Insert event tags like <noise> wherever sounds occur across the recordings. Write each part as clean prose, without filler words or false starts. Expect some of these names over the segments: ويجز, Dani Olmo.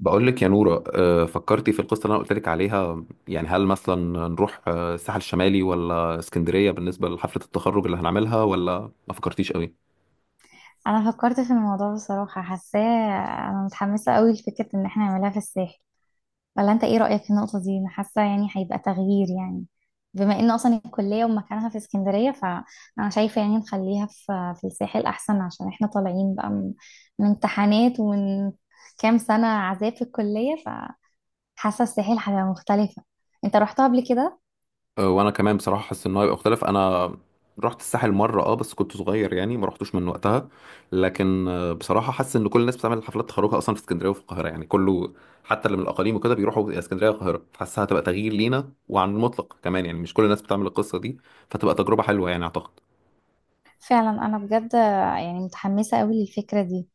بقول لك يا نورة، فكرتي في القصة اللي أنا قلت لك عليها. يعني هل مثلا نروح الساحل الشمالي ولا اسكندرية بالنسبة لحفلة التخرج اللي هنعملها، ولا ما فكرتيش قوي؟ انا فكرت في الموضوع بصراحة حاساه. انا متحمسة قوي لفكرة ان احنا نعملها في الساحل. ولا انت ايه رأيك في النقطة دي؟ انا حاسة يعني هيبقى تغيير يعني، بما ان اصلا الكلية ومكانها في اسكندرية، فانا شايفة يعني نخليها في الساحل احسن، عشان احنا طالعين بقى من امتحانات ومن كام سنة عذاب في الكلية. فحاسة الساحل هتبقى مختلفة. انت رحتها قبل كده؟ وأنا كمان بصراحة حاسس إن هو هيبقى مختلف. أنا رحت الساحل مرة بس كنت صغير، يعني ما رحتوش من وقتها. لكن بصراحة حاسس إن كل الناس بتعمل حفلات تخرجها أصلا في اسكندرية وفي القاهرة، يعني كله حتى اللي من الأقاليم وكده بيروحوا يا اسكندرية يا القاهرة. حاسسها هتبقى تغيير لينا وعن المطلق كمان، يعني مش كل الناس بتعمل القصة دي، فتبقى تجربة حلوة يعني أعتقد. فعلا انا بجد يعني متحمسة قوي للفكرة دي.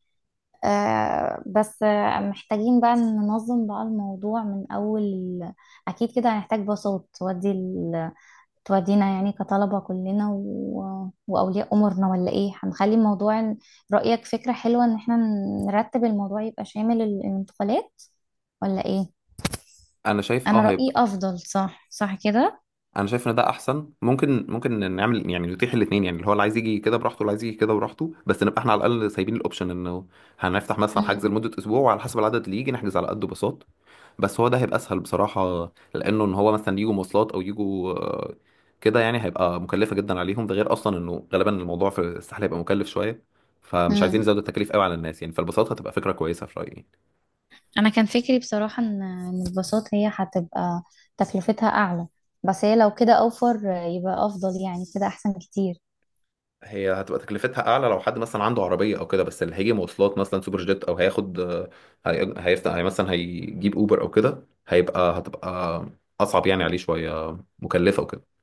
بس محتاجين بقى ننظم بقى الموضوع أكيد كده هنحتاج باصات تودينا يعني، كطلبة كلنا وأولياء أمورنا، ولا إيه؟ رأيك فكرة حلوة إن إحنا نرتب الموضوع، يبقى شامل الانتقالات ولا إيه؟ انا شايف أنا اه رأيي هيبقى أفضل، صح صح كده. انا شايف ان ده احسن. ممكن نعمل، يعني نتيح الاثنين، يعني اللي هو اللي عايز يجي كده براحته واللي عايز يجي كده براحته، بس نبقى احنا على الاقل سايبين الاوبشن انه هنفتح مثلا حجز مم. لمده اسبوع، وعلى حسب العدد اللي يجي نحجز على قده باصات. بس هو ده هيبقى اسهل بصراحه، لانه ان هو مثلا يجوا مواصلات او يجوا كده، يعني هيبقى مكلفه جدا عليهم. ده غير اصلا انه غالبا الموضوع في الساحل هيبقى مكلف شويه، فمش عايزين مم. نزود التكاليف قوي على الناس يعني، فالباصات هتبقى فكره كويسه في رايي. أنا كان فكري بصراحة إن الباصات هي هتبقى تكلفتها أعلى، بس هي لو كده أوفر يبقى أفضل، يعني كده أحسن كتير. هي هتبقى تكلفتها اعلى لو حد مثلا عنده عربيه او كده، بس اللي هيجي مواصلات مثلا سوبر جيت او هياخد هيفتح، هي مثلا هيجيب اوبر او كده، هتبقى اصعب يعني عليه شويه، مكلفه وكده.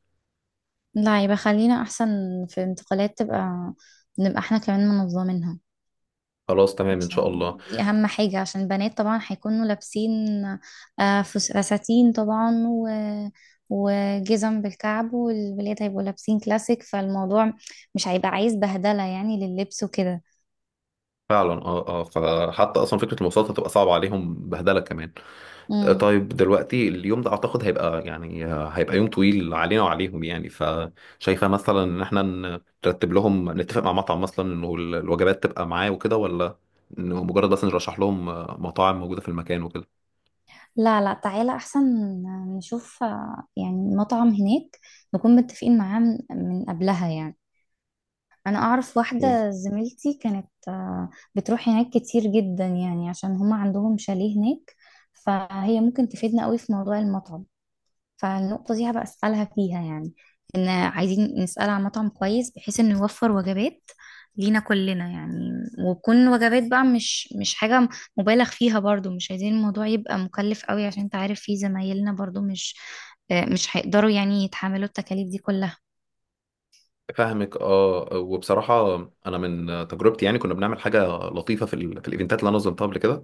لا، يبقى خلينا احسن في انتقالات، تبقى نبقى احنا كمان منظمينها، خلاص تمام ان شاء عشان الله. دي اهم حاجة، عشان البنات طبعا هيكونوا لابسين فساتين طبعا، وجزم بالكعب، والولاد هيبقوا لابسين كلاسيك، فالموضوع مش هيبقى عايز بهدلة يعني لللبس وكده. فعلا اه اه، فحتى اصلا فكره المواصلات هتبقى صعبه عليهم، بهدله كمان. مم. طيب دلوقتي، اليوم ده اعتقد هيبقى يعني هيبقى يوم طويل علينا وعليهم، يعني فشايفه مثلا ان احنا نرتب لهم، نتفق مع مطعم مثلا انه الوجبات تبقى معاه وكده، ولا انه مجرد بس نرشح لهم مطاعم موجوده في المكان وكده؟ لا لا، تعالى احسن نشوف يعني مطعم هناك نكون متفقين معاه من قبلها يعني. انا اعرف إيه؟ واحده زميلتي كانت بتروح هناك كتير جدا يعني، عشان هما عندهم شاليه هناك. فهي ممكن تفيدنا قوي في موضوع المطعم. فالنقطه دي هبقى اسالها فيها يعني، ان عايزين نسال عن مطعم كويس بحيث انه يوفر وجبات لينا كلنا يعني، وتكون وجبات بقى مش حاجه مبالغ فيها برضو، مش عايزين الموضوع يبقى مكلف قوي، عشان انت عارف في زمايلنا برضو مش، مش هيقدروا يعني يتحملوا التكاليف دي كلها. فاهمك اه وبصراحه، انا من تجربتي يعني كنا بنعمل حاجه لطيفه في في الايفنتات اللي انا نظمتها قبل كده.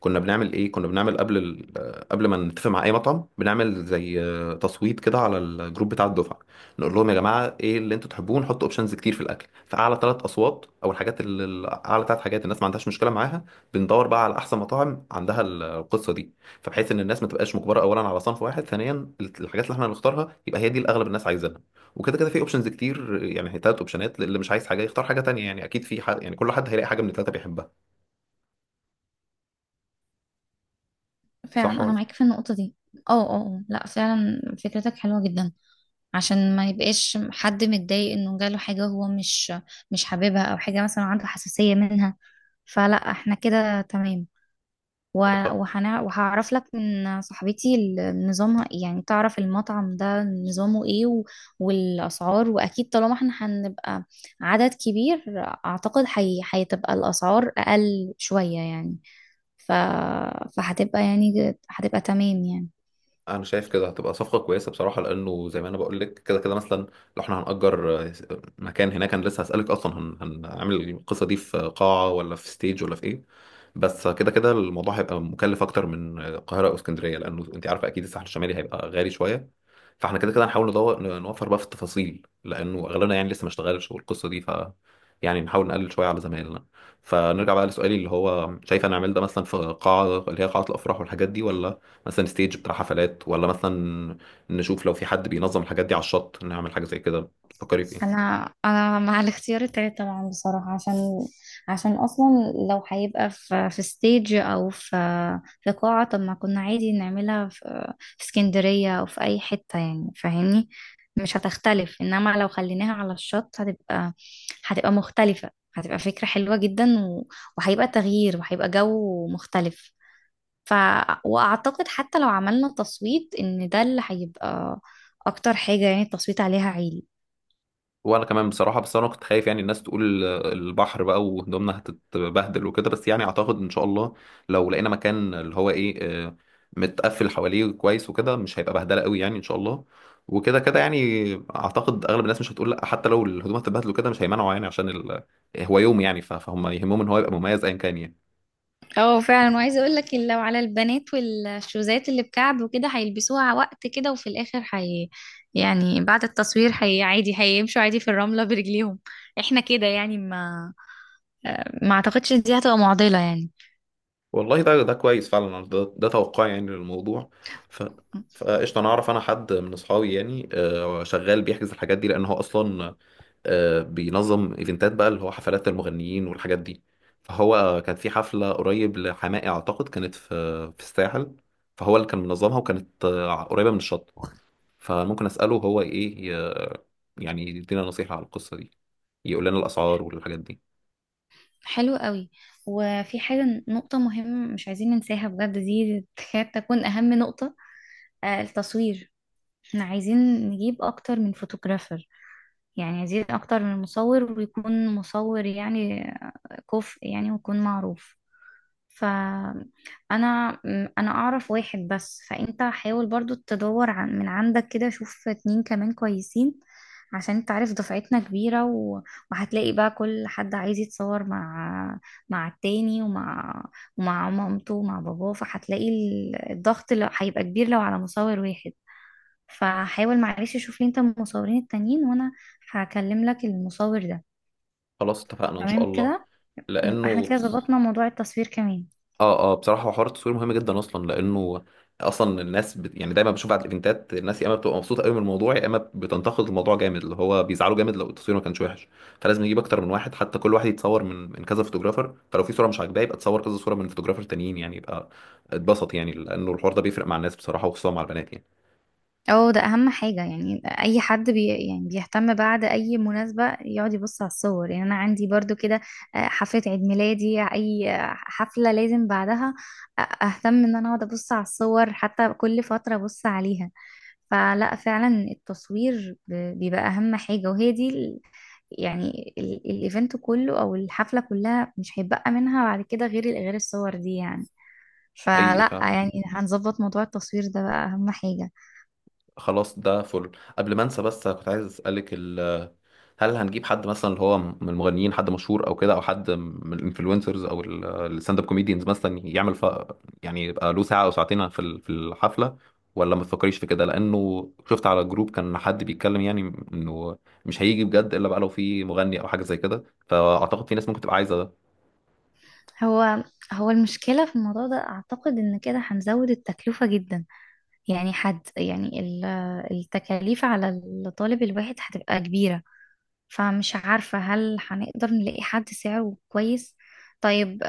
كنا بنعمل قبل قبل ما نتفق مع اي مطعم، بنعمل زي تصويت كده على الجروب بتاع الدفعه. نقول لهم يا جماعه، ايه اللي انتوا تحبوه، نحط اوبشنز كتير في الاكل، فاعلى ثلاث اصوات او الحاجات اللي اعلى ثلاث حاجات الناس ما عندهاش مشكله معاها، بندور بقى على احسن مطاعم عندها القصه دي. فبحيث ان الناس ما تبقاش مجبره اولا على صنف واحد، ثانيا الحاجات اللي احنا هنختارها يبقى هي دي اللي اغلب الناس عايزينها. وكده كده في اوبشنز كتير، يعني هي ثلاث اوبشنات، اللي مش عايز حاجه يختار حاجه تانية، يعني اكيد في حد، يعني كل حد هيلاقي حاجه من الثلاثه بيحبها. صح فعلا انا ولا؟ معاك في النقطه دي. اه اه. آه. لا فعلا فكرتك حلوه جدا، عشان ما يبقاش حد متضايق انه جاله حاجه هو مش حاببها، او حاجه مثلا عنده حساسيه منها. فلا احنا كده تمام. خ- وهعرف لك من صاحبتي نظامها يعني، تعرف المطعم ده نظامه ايه والاسعار. واكيد طالما احنا هنبقى عدد كبير، اعتقد هتبقى الاسعار اقل شويه يعني. ف... فهتبقى يعني هتبقى تمام يعني. انا شايف كده هتبقى صفقه كويسه بصراحه، لانه زي ما انا بقول لك كده كده، مثلا لو احنا هنأجر مكان هناك. انا لسه هسألك اصلا هنعمل القصه دي في قاعه ولا في ستيج ولا في ايه؟ بس كده كده الموضوع هيبقى مكلف اكتر من القاهره او اسكندريه، لانه انت عارفه اكيد الساحل الشمالي هيبقى غالي شويه. فاحنا كده كده هنحاول ندور نوفر بقى في التفاصيل، لانه اغلبنا يعني لسه ما اشتغلش والقصه دي، يعني نحاول نقلل شويه على زمايلنا. فنرجع بقى لسؤالي، اللي هو شايف انا اعمل ده مثلا في قاعه اللي هي قاعه الافراح والحاجات دي، ولا مثلا ستيج بتاع حفلات، ولا مثلا نشوف لو في حد بينظم الحاجات دي على الشط نعمل حاجة زي كده؟ تفكري في ايه؟ انا مع الاختيار التالت طبعا بصراحه، عشان اصلا لو هيبقى في ستيج او في قاعه، طب ما كنا عادي نعملها في اسكندريه او في اي حته يعني، فاهمني؟ مش هتختلف، انما لو خليناها على الشط، هتبقى مختلفه، هتبقى فكره حلوه جدا، وهيبقى تغيير، وهيبقى جو مختلف. ف واعتقد حتى لو عملنا تصويت، ان ده اللي هيبقى اكتر حاجه يعني التصويت عليها عالي. وانا كمان بصراحة، بس انا كنت خايف يعني الناس تقول البحر بقى وهدومنا هتتبهدل وكده، بس يعني اعتقد ان شاء الله لو لقينا مكان اللي هو ايه آه، متقفل حواليه كويس وكده، مش هيبقى بهدلة قوي يعني ان شاء الله. وكده كده يعني اعتقد اغلب الناس مش هتقول لا، حتى لو الهدوم هتتبهدل وكده مش هيمنعوا، يعني عشان هو يوم يعني، فهم يهمهم ان هو يبقى مميز ايا كان يعني. اه فعلا، وعايزه اقول لك لو على البنات والشوزات اللي بكعب وكده هيلبسوها وقت كده، وفي الاخر هي يعني بعد التصوير هي عادي، هيمشوا عادي في الرمله برجليهم. احنا كده يعني ما اعتقدش إن دي هتبقى معضله يعني. والله ده كويس فعلا. ده توقعي يعني للموضوع. ف فقشطة، أنا أعرف أنا حد من أصحابي يعني شغال بيحجز الحاجات دي، لأن هو أصلا بينظم إيفنتات بقى اللي هو حفلات المغنيين والحاجات دي. فهو كان في حفلة قريب لحماقي أعتقد، كانت في الساحل. فهو اللي كان منظمها، وكانت قريبة من الشط. فممكن أسأله هو إيه، يعني يدينا نصيحة على القصة دي، يقول لنا الأسعار والحاجات دي. حلو قوي. وفي حاجه نقطه مهمه مش عايزين ننساها بجد، دي تكاد تكون اهم نقطه: التصوير. احنا عايزين نجيب اكتر من فوتوغرافر، يعني عايزين اكتر من مصور ويكون مصور يعني كفء يعني ويكون معروف. فأنا أنا أعرف واحد بس، فأنت حاول برضو تدور عن من عندك كده، شوف اتنين كمان كويسين، عشان انت عارف دفعتنا كبيرة. وهتلاقي بقى كل حد عايز يتصور مع التاني، ومع مامته ومع باباه، فهتلاقي الضغط اللي هيبقى كبير لو على مصور واحد. فحاول معلش شوف لي انت المصورين التانيين، وانا هكلم لك المصور ده. خلاص اتفقنا إن شاء تمام الله. كده، احنا لأنه كده ظبطنا موضوع التصوير كمان. اه اه بصراحه، هو حوار التصوير مهم جدا اصلا، لانه اصلا الناس يعني دايما بشوف بعد الايفنتات، الناس يا اما بتبقى مبسوطه قوي من الموضوع، يا اما بتنتقد الموضوع جامد، اللي هو بيزعلوا جامد لو التصوير ما كانش وحش. فلازم نجيب اكتر من واحد، حتى كل واحد يتصور من كذا فوتوجرافر، فلو في صوره مش عاجباه يبقى تصور كذا صوره من فوتوجرافر تانيين، يعني يبقى اتبسط يعني، لانه الحوار ده بيفرق مع الناس بصراحه، وخصوصا مع البنات يعني. اه ده اهم حاجة، يعني اي حد يعني بيهتم بعد اي مناسبة يقعد يبص على الصور. يعني انا عندي برضو كده، حفلة عيد ميلادي، اي حفلة لازم بعدها اهتم ان انا اقعد ابص على الصور، حتى كل فترة ابص عليها. فلا فعلا التصوير بيبقى اهم حاجة، وهي دي يعني الايفنت كله او الحفلة كلها، مش هيبقى منها بعد كده غير الصور دي يعني. فلا حقيقي. يعني هنظبط موضوع التصوير ده بقى اهم حاجة. فخلاص ده فل قبل ما انسى، بس كنت عايز اسالك: هل هنجيب حد مثلا اللي هو من المغنيين، حد مشهور او كده، او حد من الانفلونسرز او الستاند اب كوميديانز مثلا يعمل يعني يبقى له ساعه او ساعتين في في الحفله، ولا ما تفكريش في كده؟ لانه شفت على جروب كان حد بيتكلم، يعني انه مش هيجي بجد الا بقى لو في مغني او حاجه زي كده، فاعتقد في ناس ممكن تبقى عايزه ده. هو هو المشكلة في الموضوع ده أعتقد إن كده هنزود التكلفة جدا، يعني حد يعني التكاليف على الطالب الواحد هتبقى كبيرة. فمش عارفة هل هنقدر نلاقي حد سعره كويس؟ طيب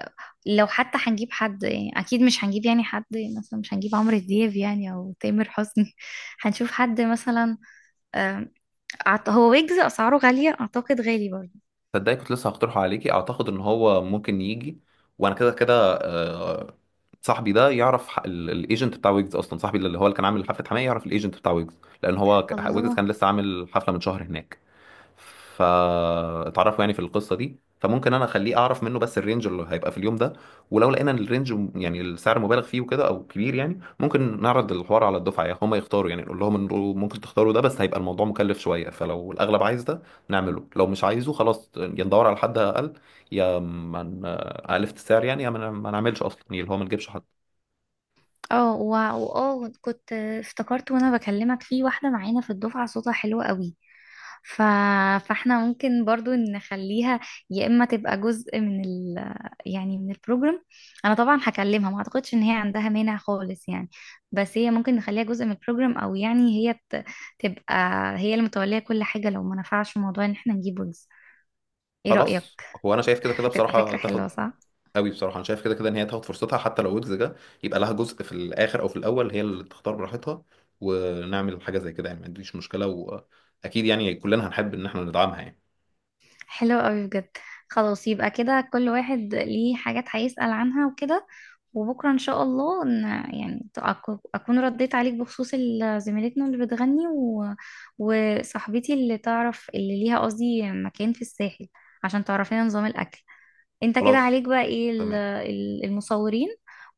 لو حتى هنجيب حد، يعني أكيد مش هنجيب يعني حد مثلا، مش هنجيب عمرو دياب يعني أو تامر حسني <laughs> هنشوف حد مثلا. آم، هو ويجز أسعاره غالية أعتقد، غالي برضه. تصدقي كنت لسه هقترحه عليكي، اعتقد ان هو ممكن يجي. وانا كده كده صاحبي ده يعرف الايجنت بتاع ويجز، اصلا صاحبي اللي هو اللي كان عامل حفله حماية يعرف الايجنت بتاع ويجز، لان هو ويجز الله. كان لسه عامل حفله من شهر هناك. فاتعرفوا يعني في القصه دي، فممكن انا اخليه اعرف منه بس الرينج اللي هيبقى في اليوم ده. ولو لقينا ان الرينج يعني السعر مبالغ فيه وكده او كبير، يعني ممكن نعرض الحوار على الدفعه، يعني هم يختاروا، يعني نقول لهم انه ممكن تختاروا ده بس هيبقى الموضوع مكلف شويه، فلو الاغلب عايز ده نعمله، لو مش عايزه خلاص يا ندور على حد اقل، يا ما اقل في السعر يعني، يا ما ما نعملش اصلا، يعني اللي هو ما نجيبش حد. اه واه، كنت افتكرت وانا بكلمك في واحده معانا في الدفعه صوتها حلو قوي. ف... فاحنا ممكن برضو نخليها يا اما تبقى جزء من يعني من البروجرام. انا طبعا هكلمها، ما اعتقدش ان هي عندها مانع خالص يعني، بس هي ممكن نخليها جزء من البروجرام، او يعني هي تبقى هي اللي متوليه كل حاجه لو ما نفعش موضوع ان احنا نجيب ويجز. ايه رايك؟ خلاص، هو انا شايف كده كده هتبقى بصراحه فكره حلوه تاخد صح؟ قوي، بصراحه انا شايف كده كده ان هي تاخد فرصتها، حتى لو ويجز جه يبقى لها جزء في الاخر او في الاول، هي اللي تختار براحتها، ونعمل حاجه زي كده يعني. ما عنديش مشكله، واكيد يعني كلنا هنحب ان احنا ندعمها يعني. حلو قوي بجد. خلاص يبقى كده كل واحد ليه حاجات هيسأل عنها وكده. وبكرة إن شاء الله إن يعني أكون رديت عليك بخصوص زميلتنا اللي بتغني، وصاحبتي اللي تعرف، اللي ليها قصدي مكان في الساحل، عشان تعرفينا نظام الأكل. أنت كده عليك خلاص بقى إيه تمام. المصورين،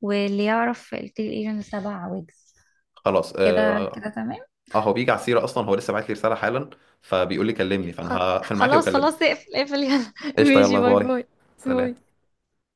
واللي يعرف التيل ايجن السبع ويجز. خلاص كده اه، كده تمام. هو بيجي على السيره اصلا، هو لسه بعت لي رساله حالا، فبيقول لي كلمني، فانا هقفل معاكي خلاص واكلمه. خلاص، اقفل اقفل، يلا <laughs> قشطه، ماشي، يلا باي باي. باي. سلام. باي.